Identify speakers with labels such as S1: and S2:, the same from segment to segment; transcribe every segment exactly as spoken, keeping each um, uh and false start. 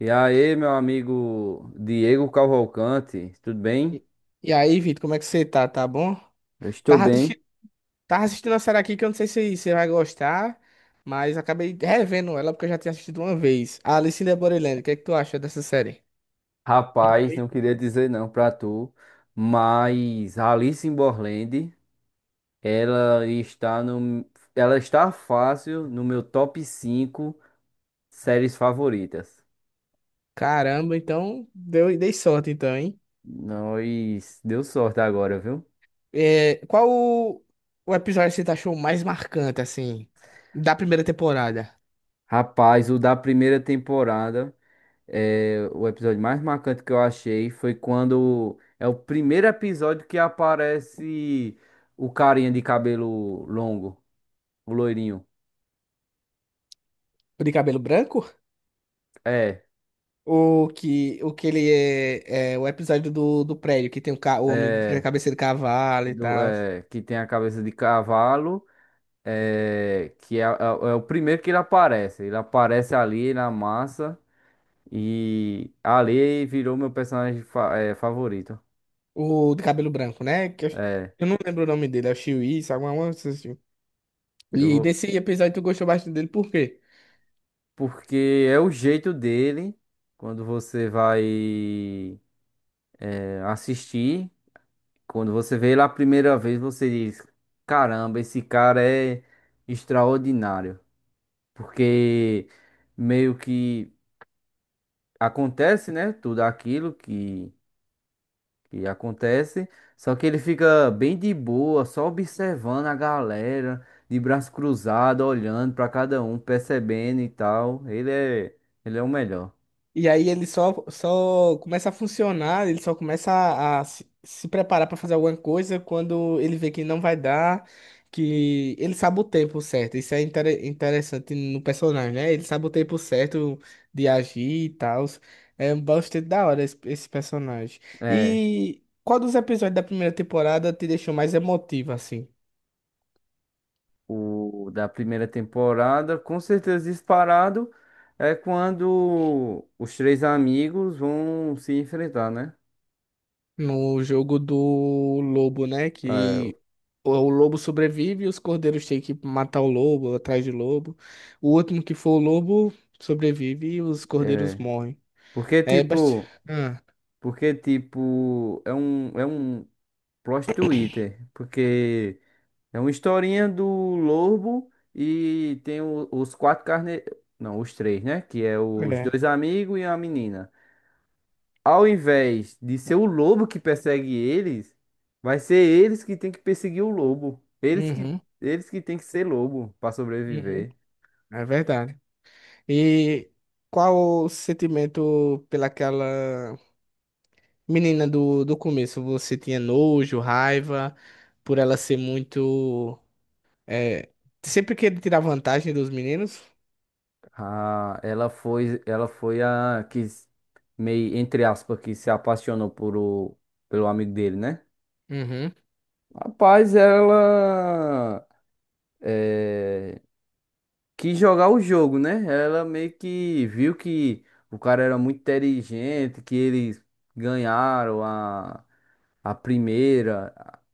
S1: E aí, meu amigo Diego Cavalcante, tudo bem?
S2: E e aí, Vitor, como é que você tá? Tá bom?
S1: Eu estou
S2: Tava
S1: bem.
S2: assistindo, tava assistindo uma série aqui que eu não sei se você vai gostar, mas acabei revendo ela porque eu já tinha assistido uma vez. A Alice in the Borderland, o que é que tu acha dessa série?
S1: Rapaz, não queria dizer não pra tu, mas Alice in Borderland, ela está no, ela está fácil no meu top cinco séries favoritas.
S2: Caramba, então deu, dei sorte então, hein?
S1: Nós deu sorte agora, viu?
S2: É, qual o, o episódio que você achou mais marcante, assim, da primeira temporada?
S1: Rapaz, o da primeira temporada. É, o episódio mais marcante que eu achei foi quando é o primeiro episódio que aparece o carinha de cabelo longo, o loirinho.
S2: O de cabelo branco?
S1: É,
S2: O que, o que ele é, é o episódio do, do prédio, que tem o, ca- o homem de
S1: é,
S2: cabeça de cavalo e
S1: do-
S2: tal.
S1: é, que tem a cabeça de cavalo, é, que é, é o é o primeiro que ele aparece. Ele aparece ali na massa e ali virou meu personagem fa- é, favorito.
S2: O de cabelo branco, né? Que eu,
S1: É,
S2: eu não lembro o nome dele, é o Chiwi, sabe? Uma, uma, assim.
S1: eu
S2: E
S1: vou,
S2: nesse episódio tu gostou bastante dele, por quê?
S1: Porque é o jeito dele quando você vai assistir. Quando você vê ele a primeira vez, você diz: caramba, esse cara é extraordinário. Porque meio que acontece, né? Tudo aquilo que, que acontece. Só que ele fica bem de boa, só observando a galera, de braço cruzado, olhando para cada um, percebendo e tal. Ele é, ele é o melhor.
S2: E aí ele só, só começa a funcionar, ele só começa a, a se, se preparar pra fazer alguma coisa quando ele vê que não vai dar, que ele sabe o tempo certo. Isso é intere- interessante no personagem, né? Ele sabe o tempo certo de agir e tal. É bastante da hora esse, esse personagem.
S1: É
S2: E qual dos episódios da primeira temporada te deixou mais emotivo, assim?
S1: o da primeira temporada, com certeza disparado, é quando os três amigos vão se enfrentar, né?
S2: No jogo do lobo, né?
S1: É,
S2: Que o o lobo sobrevive e os cordeiros têm que matar o lobo, atrás de lobo. O último que for o lobo sobrevive e os cordeiros
S1: é,
S2: morrem.
S1: porque
S2: É bastante.
S1: tipo,
S2: Ah,
S1: porque tipo, é um é um plot twister, porque é uma historinha do lobo e tem o- os quatro carne, não, os três, né? Que é os
S2: é.
S1: dois amigos e a menina. Ao invés de ser o lobo que persegue eles, vai ser eles que tem que perseguir o lobo. Eles que,
S2: Uhum,
S1: eles que tem que ser lobo para
S2: uhum.
S1: sobreviver.
S2: É verdade. E qual o sentimento pelaquela menina do, do começo? Você tinha nojo, raiva, por ela ser muito. É... Sempre querer tirar vantagem dos meninos?
S1: Ah, ela foi, ela foi a que s- meio entre aspas que se apaixonou por o, pelo amigo dele, né?
S2: Uhum.
S1: Rapaz, ela eh, quis jogar o jogo, né? Ela meio que viu que o cara era muito inteligente, que eles ganharam a a primeira.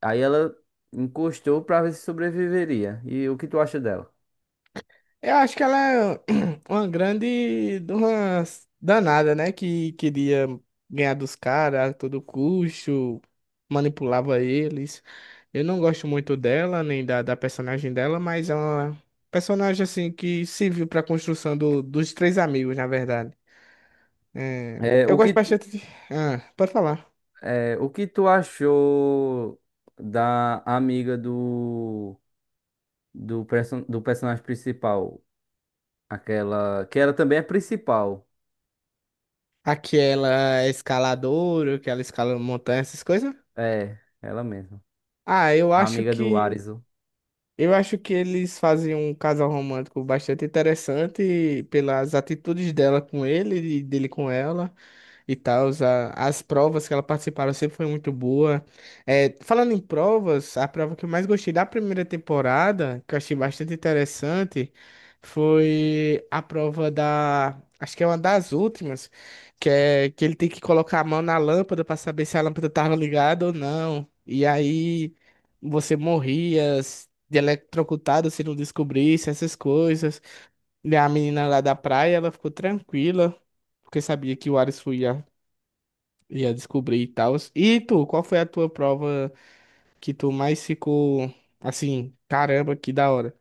S1: Aí ela encostou pra ver se sobreviveria. E o que tu acha dela?
S2: Eu acho que ela é uma grande de uma danada, né? Que queria ganhar dos caras a todo custo, manipulava eles. Eu não gosto muito dela, nem da, da personagem dela, mas é uma personagem assim que serviu para a construção do- dos três amigos, na verdade. É,
S1: É,
S2: eu
S1: o que
S2: gosto
S1: tu,
S2: bastante de... Ah, pode falar.
S1: é, o que tu achou da amiga do do, perso do personagem principal? Aquela que ela também é principal.
S2: Aquela escaladora, que ela escala montanha, essas coisas.
S1: É, ela mesma.
S2: Ah, eu
S1: A
S2: acho
S1: amiga do
S2: que
S1: Arizo.
S2: Eu acho que eles fazem um casal romântico bastante interessante pelas atitudes dela com ele e dele com ela e tal. As provas que ela participaram sempre foi muito boa. É, falando em provas, a prova que eu mais gostei da primeira temporada, que eu achei bastante interessante, foi a prova da. Acho que é uma das últimas, que é que ele tem que colocar a mão na lâmpada para saber se a lâmpada estava ligada ou não. E aí você morria de eletrocutado se não descobrisse essas coisas. E a menina lá da praia, ela ficou tranquila porque sabia que o Ares fui ia descobrir e tal. E tu, qual foi a tua prova que tu mais ficou assim, caramba, que da hora?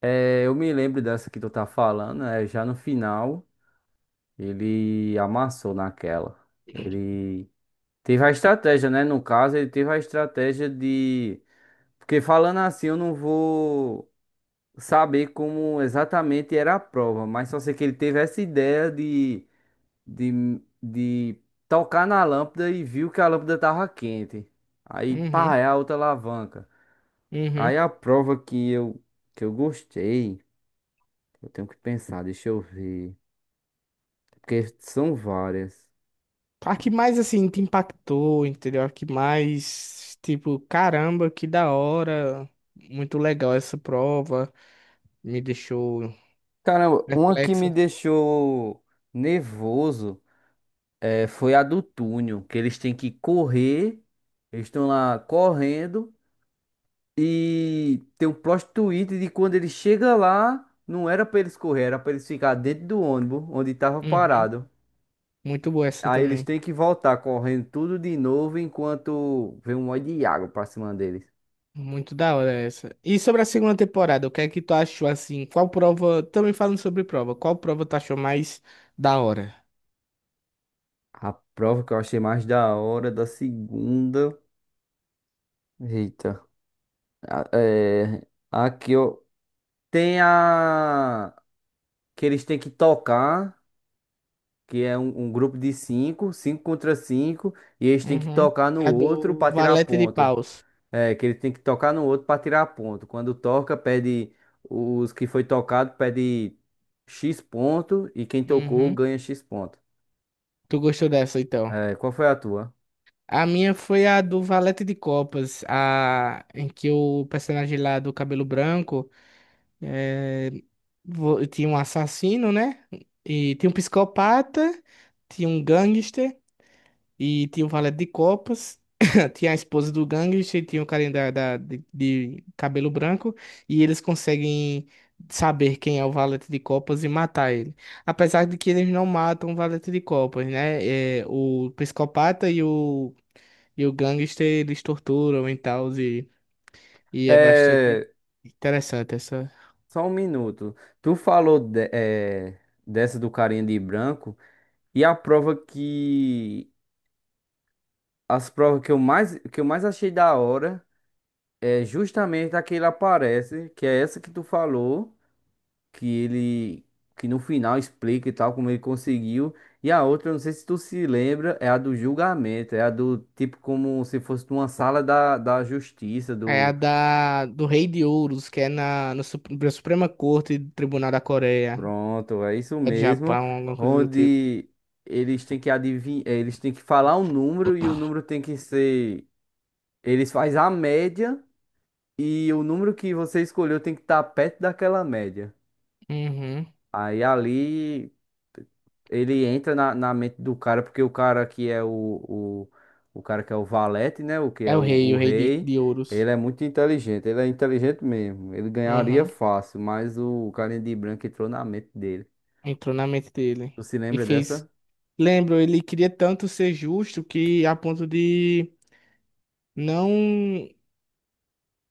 S1: É, eu me lembro dessa que tu tá falando, é, já no final ele amassou naquela. Ele teve a estratégia, né? No caso, ele teve a estratégia de... Porque falando assim, eu não vou saber como exatamente era a prova, mas só sei que ele teve essa ideia de, de, de tocar na lâmpada e viu que a lâmpada tava quente. Aí,
S2: Uhum,
S1: pá, é a outra alavanca.
S2: uhum.
S1: Aí a prova que eu, que eu gostei, eu tenho que pensar, deixa eu ver. Porque são várias.
S2: A que mais assim te impactou, entendeu? A que mais, tipo, caramba, que da hora. Muito legal essa prova. Me deixou
S1: Caramba, uma que me
S2: perplexo.
S1: deixou nervoso é, foi a do túnel, que eles têm que correr, eles estão lá correndo. E tem um plot twist de quando ele chega lá, não era pra eles correr, era pra eles ficar dentro do ônibus onde tava
S2: Uhum.
S1: parado.
S2: Muito boa essa
S1: Aí eles
S2: também.
S1: têm que voltar correndo tudo de novo enquanto vem um monte de água pra cima deles.
S2: Muito da hora essa. E sobre a segunda temporada, o que é que tu achou assim? Qual prova, também falando sobre prova, qual prova tu achou mais da hora?
S1: A prova que eu achei mais da hora da segunda. Eita. A- É, aqui ó, tem a que eles têm que tocar, que é um, um grupo de cinco, cinco contra cinco, e eles têm que
S2: Uhum.
S1: tocar no
S2: A
S1: outro
S2: do
S1: pra tirar
S2: Valete de
S1: ponto.
S2: Paus.
S1: É, que ele tem que tocar no outro para tirar ponto. Quando toca, pede os que foi tocado, pede X ponto e quem tocou
S2: Uhum.
S1: ganha X ponto.
S2: Tu gostou dessa, então?
S1: É, qual foi a tua?
S2: A minha foi a do Valete de Copas, a... em que o personagem lá do cabelo branco é vo- tinha um assassino, né? E tinha um psicopata, tinha um gangster. E tinha o Valete de Copas, tinha a esposa do gangster, tinha o carinha da, da- de, de cabelo branco, e eles conseguem saber quem é o Valete de Copas e matar ele. Apesar de que eles não matam o Valete de Copas, né? É, o psicopata e o, e o gangster, eles torturam e tal, e, e é bastante
S1: É,
S2: interessante essa.
S1: só um minuto. Tu falou de- é, dessa do carinha de branco e a prova que as provas que eu mais que eu mais achei da hora é justamente a que ele aparece, que é essa que tu falou. que ele que no final explica e tal como ele conseguiu. E a outra, eu não sei se tu se lembra, é a do julgamento, é a do tipo como se fosse uma sala da, da justiça
S2: É a
S1: do...
S2: da, do Rei de Ouros, que é na, no Sup- na Suprema Corte do Tribunal da Coreia,
S1: Pronto, é isso
S2: do
S1: mesmo,
S2: Japão, alguma coisa do tipo.
S1: onde eles têm que adivinhar, eles têm que falar um número e o número tem que ser, eles faz a média e o número que você escolheu tem que estar perto daquela média.
S2: Uhum.
S1: Aí ali ele entra na, na mente do cara, porque o cara que é o, o, o cara que é o valete, né? O que
S2: É
S1: é
S2: o
S1: o,
S2: rei,
S1: o
S2: o rei de,
S1: rei,
S2: de ouros.
S1: ele é muito inteligente, ele é inteligente mesmo. Ele ganharia
S2: Uhum.
S1: fácil, mas o carinha de branco entrou na mente dele.
S2: Entrou na mente dele.
S1: Tu se
S2: E
S1: lembra
S2: fez.
S1: dessa?
S2: Lembro, ele queria tanto ser justo que a ponto de não.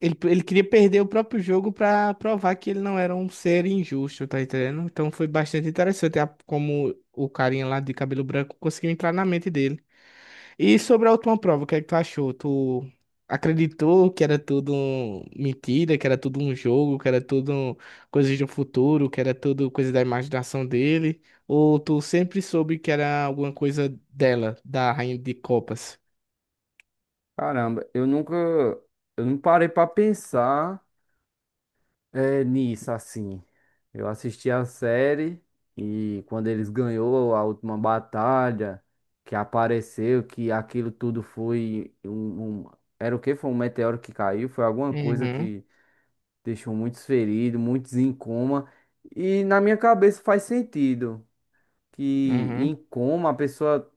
S2: Ele, ele queria perder o próprio jogo pra provar que ele não era um ser injusto, tá entendendo? Então foi bastante interessante a- como o carinha lá de cabelo branco conseguiu entrar na mente dele. E sobre a última prova, o que é que tu achou? Tu acreditou que era tudo um- mentira, que era tudo um jogo, que era tudo um- coisas do futuro, que era tudo coisa da imaginação dele? Ou tu sempre soube que era alguma coisa dela, da Rainha de Copas?
S1: Caramba, eu nunca, eu não parei pra pensar é nisso, assim. Eu assisti a série e quando eles ganhou a última batalha, que apareceu, que aquilo tudo foi um, um... Era o que? Foi um meteoro que caiu? Foi alguma coisa
S2: Uhum,
S1: que deixou muitos feridos, muitos em coma. E na minha cabeça faz sentido que em
S2: uhum,
S1: coma a pessoa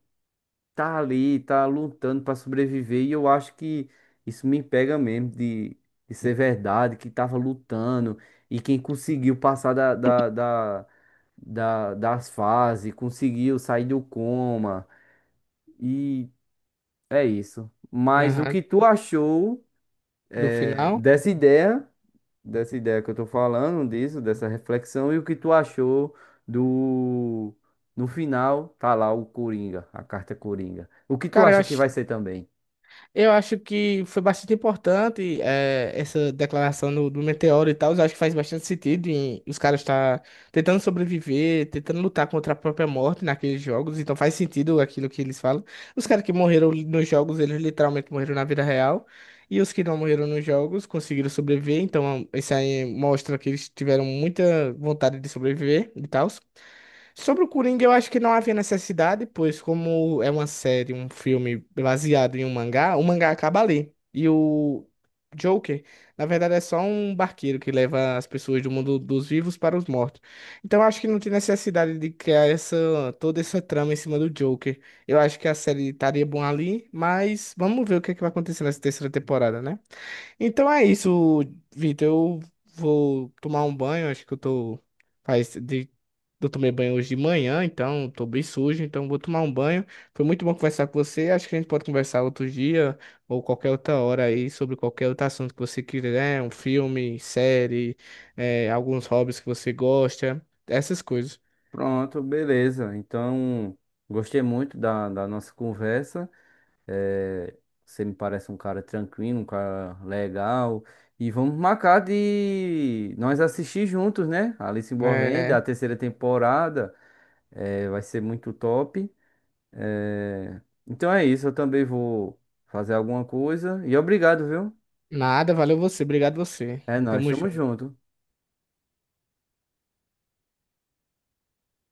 S1: tá ali, tá lutando pra sobreviver, e eu acho que isso me pega mesmo de, de ser verdade, que tava lutando, e quem conseguiu passar da, da, da, da- das fases, conseguiu sair do coma, e é isso. Mas o
S2: aham.
S1: que tu achou
S2: Do
S1: eh,
S2: final?
S1: dessa ideia, dessa ideia que eu tô falando, disso, dessa reflexão, e o que tu achou do... No final, tá lá o Coringa, a carta Coringa. O que tu
S2: Cara, eu
S1: acha que
S2: achei.
S1: vai ser também?
S2: Eu acho que foi bastante importante eh, essa declaração do, do meteoro e tal. Eu acho que faz bastante sentido em os caras estar tentando sobreviver, tentando lutar contra a própria morte naqueles jogos. Então faz sentido aquilo que eles falam. Os caras que morreram nos jogos, eles literalmente morreram na vida real. E os que não morreram nos jogos conseguiram sobreviver. Então isso aí mostra que eles tiveram muita vontade de sobreviver e tal. Sobre o Coringa, eu acho que não havia necessidade, pois como é uma série, um filme baseado em um mangá, o mangá acaba ali. E o Joker, na verdade, é só um barqueiro que leva as pessoas do mundo dos vivos para os mortos. Então, eu acho que não tem necessidade de criar essa, toda essa trama em cima do Joker. Eu acho que a série estaria bom ali, mas vamos ver o que é que vai acontecer nessa terceira temporada, né? Então é isso, Vitor. Eu vou tomar um banho. Acho que eu tô. Faz de... Eu tomei banho hoje de manhã, então tô bem sujo, então vou tomar um banho. Foi muito bom conversar com você. Acho que a gente pode conversar outro dia ou qualquer outra hora aí sobre qualquer outro assunto que você quiser, né? Um filme, série, eh, alguns hobbies que você gosta, essas coisas.
S1: Pronto, beleza. Então, gostei muito da, da nossa conversa. Eh, você me parece um cara tranquilo, um cara legal. E vamos marcar de nós assistir juntos, né? Alice in Borderland, a
S2: É...
S1: terceira temporada. Eh, vai ser muito top. Eh, Então é isso. Eu também vou fazer alguma coisa. E obrigado, viu?
S2: Nada, valeu você, obrigado você.
S1: É nóis,
S2: Tamo
S1: tamo
S2: junto.
S1: junto.